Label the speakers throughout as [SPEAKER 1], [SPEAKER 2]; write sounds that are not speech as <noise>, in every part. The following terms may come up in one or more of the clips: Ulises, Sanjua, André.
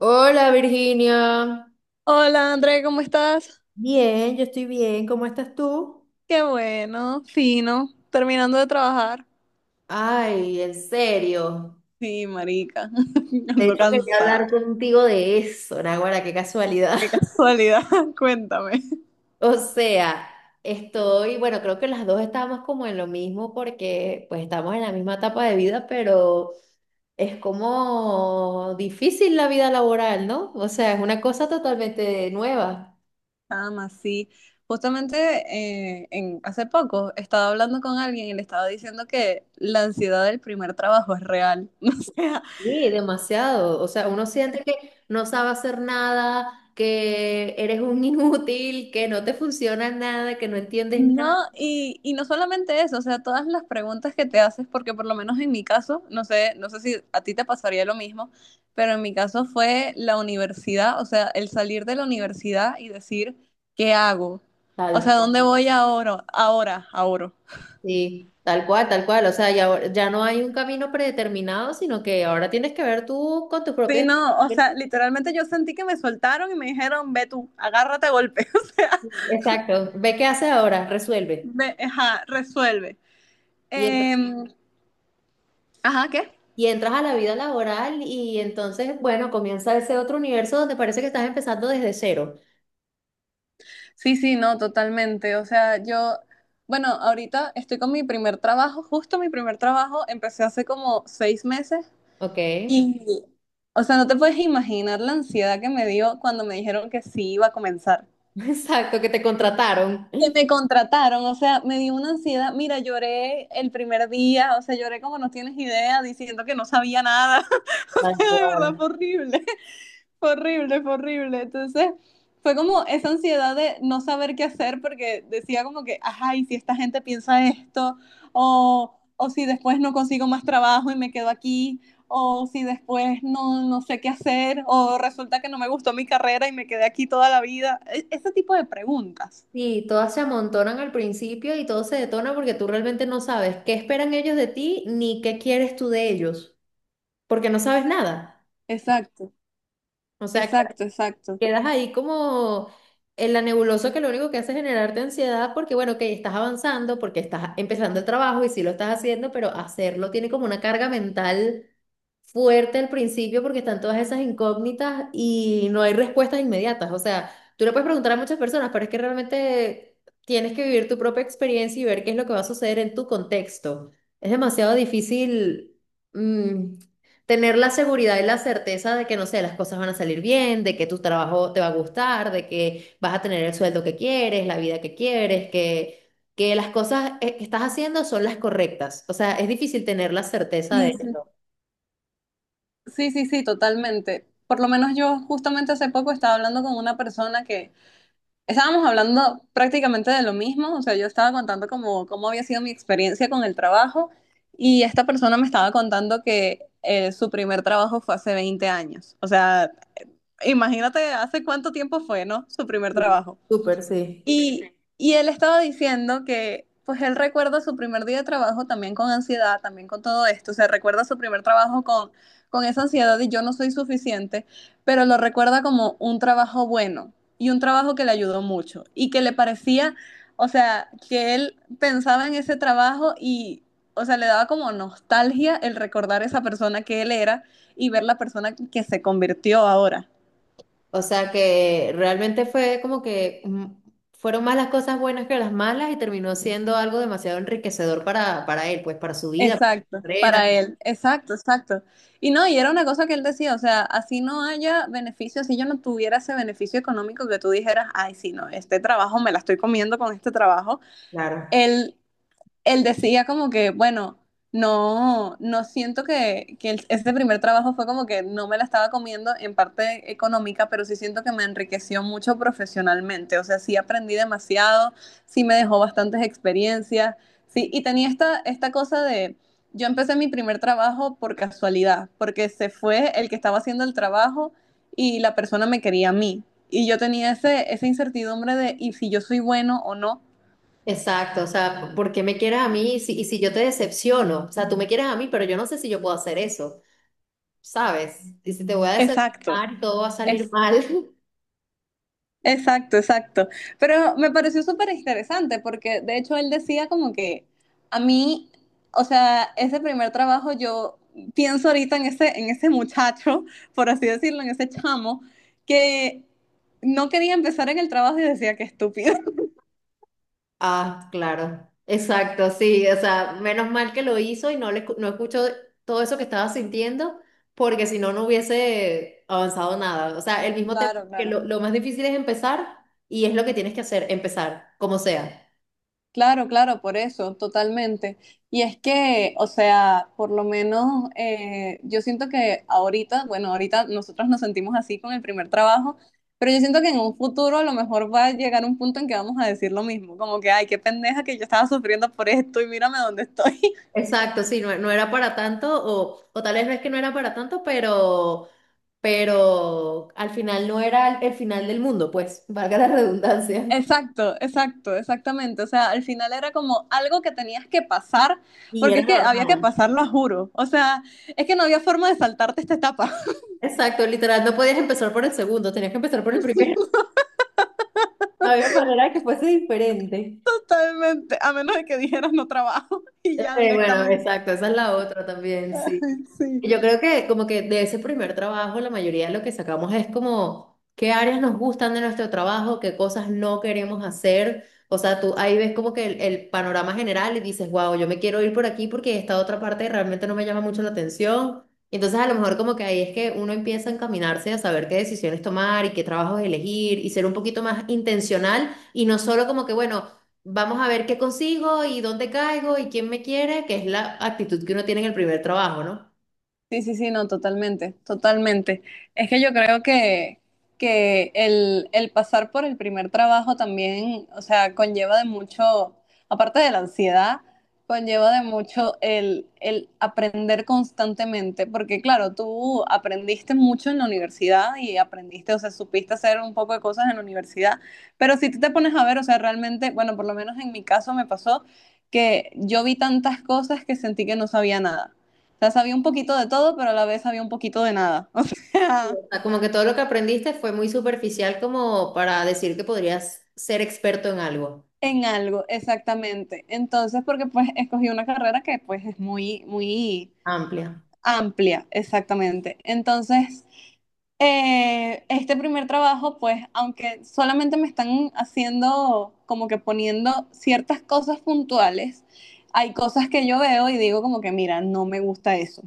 [SPEAKER 1] Hola Virginia.
[SPEAKER 2] Hola André, ¿cómo estás?
[SPEAKER 1] Bien, yo estoy bien. ¿Cómo estás tú?
[SPEAKER 2] Qué bueno, fino, terminando de trabajar.
[SPEAKER 1] Ay, en serio.
[SPEAKER 2] Sí, marica, <laughs>
[SPEAKER 1] De
[SPEAKER 2] ando
[SPEAKER 1] hecho, quería
[SPEAKER 2] cansada.
[SPEAKER 1] hablar contigo de eso, Naguará, qué casualidad.
[SPEAKER 2] Qué
[SPEAKER 1] <laughs>
[SPEAKER 2] casualidad, <laughs> cuéntame.
[SPEAKER 1] O sea, estoy, bueno, creo que las dos estamos como en lo mismo porque pues estamos en la misma etapa de vida, pero es como difícil la vida laboral, ¿no? O sea, es una cosa totalmente nueva.
[SPEAKER 2] Nada más, sí. Justamente hace poco estaba hablando con alguien y le estaba diciendo que la ansiedad del primer trabajo es real. <laughs> No sé.
[SPEAKER 1] Sí, demasiado. O sea, uno siente que no sabe hacer nada, que eres un <laughs> inútil, que no te funciona nada, que no entiendes
[SPEAKER 2] No,
[SPEAKER 1] nada.
[SPEAKER 2] y no solamente eso, o sea, todas las preguntas que te haces, porque por lo menos en mi caso, no sé, no sé si a ti te pasaría lo mismo, pero en mi caso fue la universidad, o sea, el salir de la universidad y decir, ¿qué hago? O
[SPEAKER 1] Tal
[SPEAKER 2] sea,
[SPEAKER 1] cual.
[SPEAKER 2] ¿dónde voy ahora? Ahora, ahora.
[SPEAKER 1] Sí, tal cual, tal cual. O sea, ya, ya no hay un camino predeterminado, sino que ahora tienes que ver tú con tus
[SPEAKER 2] Sí,
[SPEAKER 1] propios...
[SPEAKER 2] no, o sea, literalmente yo sentí que me soltaron y me dijeron, ve tú, agárrate a golpe, <laughs> o sea,
[SPEAKER 1] Exacto. Ve qué haces ahora, resuelve.
[SPEAKER 2] ve, ajá, resuelve.
[SPEAKER 1] Y, entr-
[SPEAKER 2] Em, ajá, ¿qué?
[SPEAKER 1] y entras a la vida laboral y entonces, bueno, comienza ese otro universo donde parece que estás empezando desde cero.
[SPEAKER 2] Sí, sí, no, totalmente. O sea, yo, bueno, ahorita estoy con mi primer trabajo, justo mi primer trabajo, empecé hace como 6 meses
[SPEAKER 1] ¿Ok? <laughs>
[SPEAKER 2] y, o sea, no te puedes imaginar la ansiedad que me dio cuando me dijeron que sí iba a comenzar.
[SPEAKER 1] Exacto, que te contrataron.
[SPEAKER 2] Que me contrataron, o sea, me dio una ansiedad. Mira, lloré el primer día, o sea, lloré como no tienes idea, diciendo que no sabía nada. <laughs> O
[SPEAKER 1] Tal
[SPEAKER 2] sea, de verdad
[SPEAKER 1] cual.
[SPEAKER 2] fue horrible. Fue horrible, fue horrible. Entonces, fue como esa ansiedad de no saber qué hacer porque decía como que, ajá, y si esta gente piensa esto, o si después no consigo más trabajo y me quedo aquí, o si después no, no sé qué hacer, o resulta que no me gustó mi carrera y me quedé aquí toda la vida. Ese tipo de preguntas.
[SPEAKER 1] Sí, todas se amontonan al principio y todo se detona porque tú realmente no sabes qué esperan ellos de ti ni qué quieres tú de ellos, porque no sabes nada.
[SPEAKER 2] Exacto,
[SPEAKER 1] O sea, que-
[SPEAKER 2] exacto, exacto.
[SPEAKER 1] Quedas ahí como en la nebulosa que lo único que hace es generarte ansiedad porque, bueno, que estás avanzando, porque estás empezando el trabajo y sí lo estás haciendo, pero hacerlo tiene como una carga mental fuerte al principio porque están todas esas incógnitas y no hay respuestas inmediatas. O sea, tú le puedes preguntar a muchas personas, pero es que realmente tienes que vivir tu propia experiencia y ver qué es lo que va a suceder en tu contexto. Es demasiado difícil, mm, tener la seguridad y la certeza de que, no sé, las cosas van a salir bien, de que tu trabajo te va a gustar, de que vas a tener el sueldo que quieres, la vida que quieres, que las cosas que estás haciendo son las correctas. O sea, es difícil tener la certeza
[SPEAKER 2] Sí,
[SPEAKER 1] de
[SPEAKER 2] sí,
[SPEAKER 1] eso.
[SPEAKER 2] sí, sí, sí, totalmente. Por lo menos yo justamente hace poco estaba hablando con una persona que estábamos hablando prácticamente de lo mismo, o sea, yo estaba contando como cómo había sido mi experiencia con el trabajo y esta persona me estaba contando que su primer trabajo fue hace 20 años. O sea, imagínate hace cuánto tiempo fue, ¿no? Su primer
[SPEAKER 1] Sí,
[SPEAKER 2] trabajo.
[SPEAKER 1] Súper, sí.
[SPEAKER 2] Y, y él estaba diciendo que, pues él recuerda su primer día de trabajo también con ansiedad, también con todo esto. O sea, recuerda su primer trabajo con esa ansiedad y yo no soy suficiente, pero lo recuerda como un trabajo bueno y un trabajo que le ayudó mucho y que le parecía, o sea, que él pensaba en ese trabajo y, o sea, le daba como nostalgia el recordar esa persona que él era y ver la persona que se convirtió ahora.
[SPEAKER 1] O sea que realmente fue como que fueron más las cosas buenas que las malas y terminó siendo algo demasiado enriquecedor para él, pues para su vida, para su
[SPEAKER 2] Exacto,
[SPEAKER 1] carrera.
[SPEAKER 2] para él, exacto, exacto. Y no, y era una cosa que él decía, o sea, así no haya beneficio, así yo no tuviera ese beneficio económico que tú dijeras, ay, sí, no, este trabajo me la estoy comiendo con este trabajo.
[SPEAKER 1] Claro.
[SPEAKER 2] Él él decía como que, bueno, no, no siento que este primer trabajo fue como que no me la estaba comiendo en parte económica, pero sí siento que me enriqueció mucho profesionalmente. O sea, sí aprendí demasiado, sí me dejó bastantes experiencias, sí, y tenía esta, esta cosa de, yo empecé mi primer trabajo por casualidad, porque se fue el que estaba haciendo el trabajo y la persona me quería a mí. Y yo tenía ese, esa incertidumbre de, ¿y si yo soy bueno o no?
[SPEAKER 1] Exacto, o sea, ¿por qué me quieres a mí y si yo te decepciono? O sea, tú me quieres a mí, pero yo no sé si yo puedo hacer eso, ¿sabes? Y si te voy a
[SPEAKER 2] Exacto.
[SPEAKER 1] decepcionar, todo va a salir mal.
[SPEAKER 2] Exacto, exacto. Pero me pareció súper interesante porque de hecho él decía como que a mí, o sea, ese primer trabajo yo pienso ahorita en ese muchacho, <laughs> por así decirlo, en ese chamo, que no quería empezar en el trabajo y decía que estúpido. <laughs>
[SPEAKER 1] Ah, claro, exacto, sí, o sea, menos mal que lo hizo y no no escuchó todo eso que estaba sintiendo, porque si no, no hubiese avanzado nada. O sea, el mismo tema
[SPEAKER 2] Claro,
[SPEAKER 1] que
[SPEAKER 2] claro.
[SPEAKER 1] lo más difícil es empezar y es lo que tienes que hacer, empezar, como sea.
[SPEAKER 2] Claro, claro, por eso, totalmente. Y es que, o sea, por lo menos yo siento que ahorita, bueno, ahorita nosotros nos sentimos así con el primer trabajo, pero yo siento que en un futuro a lo mejor va a llegar un punto en que vamos a decir lo mismo, como que, ay, qué pendeja que yo estaba sufriendo por esto y mírame dónde estoy. <laughs>
[SPEAKER 1] Exacto, sí, no, no era para tanto, o tal vez no es que no era para tanto, pero al final no era el, final del mundo, pues, <laughs> valga la redundancia.
[SPEAKER 2] Exacto, exacto, exactamente. O sea, al final era como algo que tenías que pasar,
[SPEAKER 1] Y
[SPEAKER 2] porque
[SPEAKER 1] era
[SPEAKER 2] es que había que
[SPEAKER 1] normal.
[SPEAKER 2] pasarlo, a juro. O sea, es que no había forma de saltarte esta etapa.
[SPEAKER 1] Exacto, literal, no podías empezar por el segundo, tenías que empezar por el primero. Había manera que fuese diferente.
[SPEAKER 2] Totalmente, a menos de que dijeras no trabajo <laughs> y ya
[SPEAKER 1] Bueno,
[SPEAKER 2] directamente.
[SPEAKER 1] exacto, esa es la otra también, sí.
[SPEAKER 2] <laughs>
[SPEAKER 1] Y yo
[SPEAKER 2] Sí,
[SPEAKER 1] creo que como que de ese primer trabajo la mayoría de lo que sacamos es como qué áreas nos gustan de nuestro trabajo, qué cosas no queremos hacer. O sea, tú ahí ves como que el panorama general y dices, wow, yo me quiero ir por aquí porque esta otra parte realmente no me llama mucho la atención. Y entonces a lo mejor como que ahí es que uno empieza a encaminarse a saber qué decisiones tomar y qué trabajos elegir y ser un poquito más intencional y no solo como que, bueno, vamos a ver qué consigo y dónde caigo y quién me quiere, que es la actitud que uno tiene en el primer trabajo, ¿no?
[SPEAKER 2] sí, sí, sí, no, totalmente, totalmente. Es que yo creo que el pasar por el primer trabajo también, o sea, conlleva de mucho, aparte de la ansiedad, conlleva de mucho el aprender constantemente, porque claro, tú aprendiste mucho en la universidad y aprendiste, o sea, supiste hacer un poco de cosas en la universidad, pero si tú te pones a ver, o sea, realmente, bueno, por lo menos en mi caso me pasó que yo vi tantas cosas que sentí que no sabía nada. O sea, sabía un poquito de todo, pero a la vez sabía un poquito de nada. <laughs> O sea,
[SPEAKER 1] O sea, como que todo lo que aprendiste fue muy superficial como para decir que podrías ser experto en algo.
[SPEAKER 2] en algo, exactamente. Entonces, porque pues escogí una carrera que pues es muy, muy
[SPEAKER 1] Amplia.
[SPEAKER 2] amplia, exactamente. Entonces, este primer trabajo, pues, aunque solamente me están haciendo como que poniendo ciertas cosas puntuales, hay cosas que yo veo y digo como que, mira, no me gusta eso.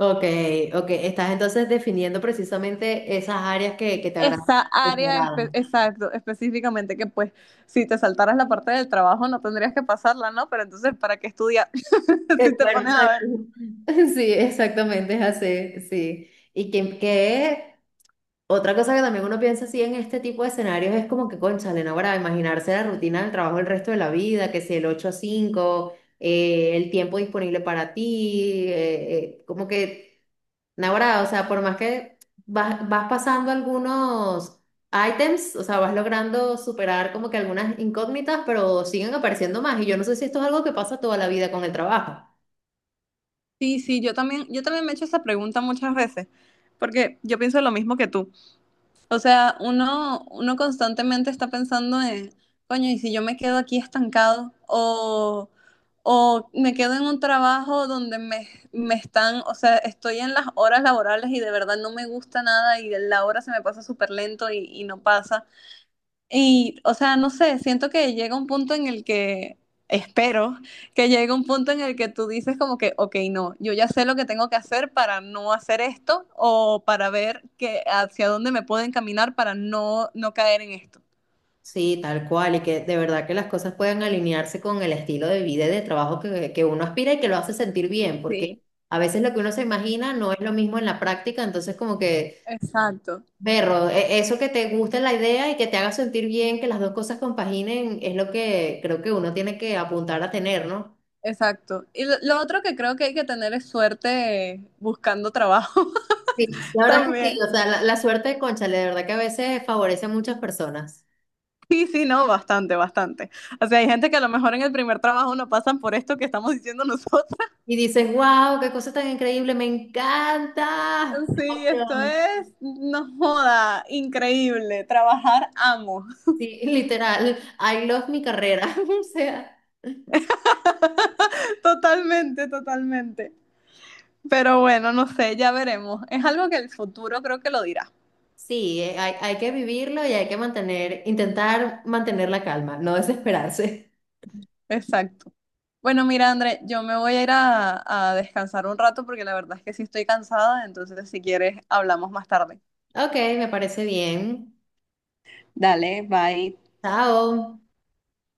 [SPEAKER 1] Ok, ok. Estás entonces definiendo precisamente esas áreas que te agradan.
[SPEAKER 2] Esa
[SPEAKER 1] Que te
[SPEAKER 2] área,
[SPEAKER 1] agradan.
[SPEAKER 2] exacto, específicamente, que pues si te saltaras la parte del trabajo no tendrías que pasarla, ¿no? Pero entonces, ¿para qué estudiar? <laughs> Si te
[SPEAKER 1] Claro,
[SPEAKER 2] pones a
[SPEAKER 1] exacto.
[SPEAKER 2] ver.
[SPEAKER 1] <laughs> Sí, exactamente, es así, sí. Y que otra cosa que también uno piensa así en este tipo de escenarios es como que, cónchale, no, ahora imaginarse la rutina del trabajo el resto de la vida, que si el 8 a 5 el tiempo disponible para ti, como que Naguará, o sea, por más que vas pasando algunos items, o sea, vas logrando superar como que algunas incógnitas, pero siguen apareciendo más. Y yo no sé si esto es algo que pasa toda la vida con el trabajo.
[SPEAKER 2] Sí, sí, yo también me he hecho esa pregunta muchas veces, porque yo pienso lo mismo que tú. O sea, uno, uno constantemente está pensando en, coño, ¿y si yo me quedo aquí estancado? O me quedo en un trabajo donde me están, o sea, estoy en las horas laborales y de verdad no me gusta nada y la hora se me pasa súper lento y no pasa. Y, o sea, no sé, siento que llega un punto en el que, espero, que llegue un punto en el que tú dices como que, ok, no, yo ya sé lo que tengo que hacer para no hacer esto o para ver que hacia dónde me puedo encaminar para no, no caer en esto.
[SPEAKER 1] Sí, tal cual, y que de verdad que las cosas puedan alinearse con el estilo de vida y de trabajo que uno aspira y que lo hace sentir bien, porque
[SPEAKER 2] Sí.
[SPEAKER 1] a veces lo que uno se imagina no es lo mismo en la práctica, entonces como que...
[SPEAKER 2] Exacto,
[SPEAKER 1] Berro, eso que te guste la idea y que te haga sentir bien, que las dos cosas compaginen, es lo que creo que uno tiene que apuntar a tener, ¿no?
[SPEAKER 2] exacto. Y lo otro que creo que hay que tener es suerte buscando trabajo
[SPEAKER 1] Sí. La
[SPEAKER 2] <laughs>
[SPEAKER 1] verdad que sí,
[SPEAKER 2] también.
[SPEAKER 1] o sea, la suerte de Cónchale, de verdad que a veces favorece a muchas personas.
[SPEAKER 2] Sí, sí, no, bastante, bastante. O sea, hay gente que a lo mejor en el primer trabajo no pasan por esto que estamos diciendo nosotros.
[SPEAKER 1] Y dices, wow, qué cosa tan increíble, me encanta. Qué
[SPEAKER 2] Sí, esto
[SPEAKER 1] emoción.
[SPEAKER 2] es, no joda, increíble. Trabajar amo.
[SPEAKER 1] Sí, literal, I love mi carrera. <laughs> O sea,
[SPEAKER 2] <laughs> Totalmente, totalmente. Pero bueno, no sé, ya veremos. Es algo que el futuro creo que lo dirá.
[SPEAKER 1] sí, hay que vivirlo y hay que mantener, intentar mantener la calma, no desesperarse.
[SPEAKER 2] Exacto. Bueno, mira, André, yo me voy a ir a descansar un rato porque la verdad es que sí estoy cansada, entonces si quieres hablamos más tarde.
[SPEAKER 1] Ok, me parece bien.
[SPEAKER 2] Dale, bye.
[SPEAKER 1] Chao.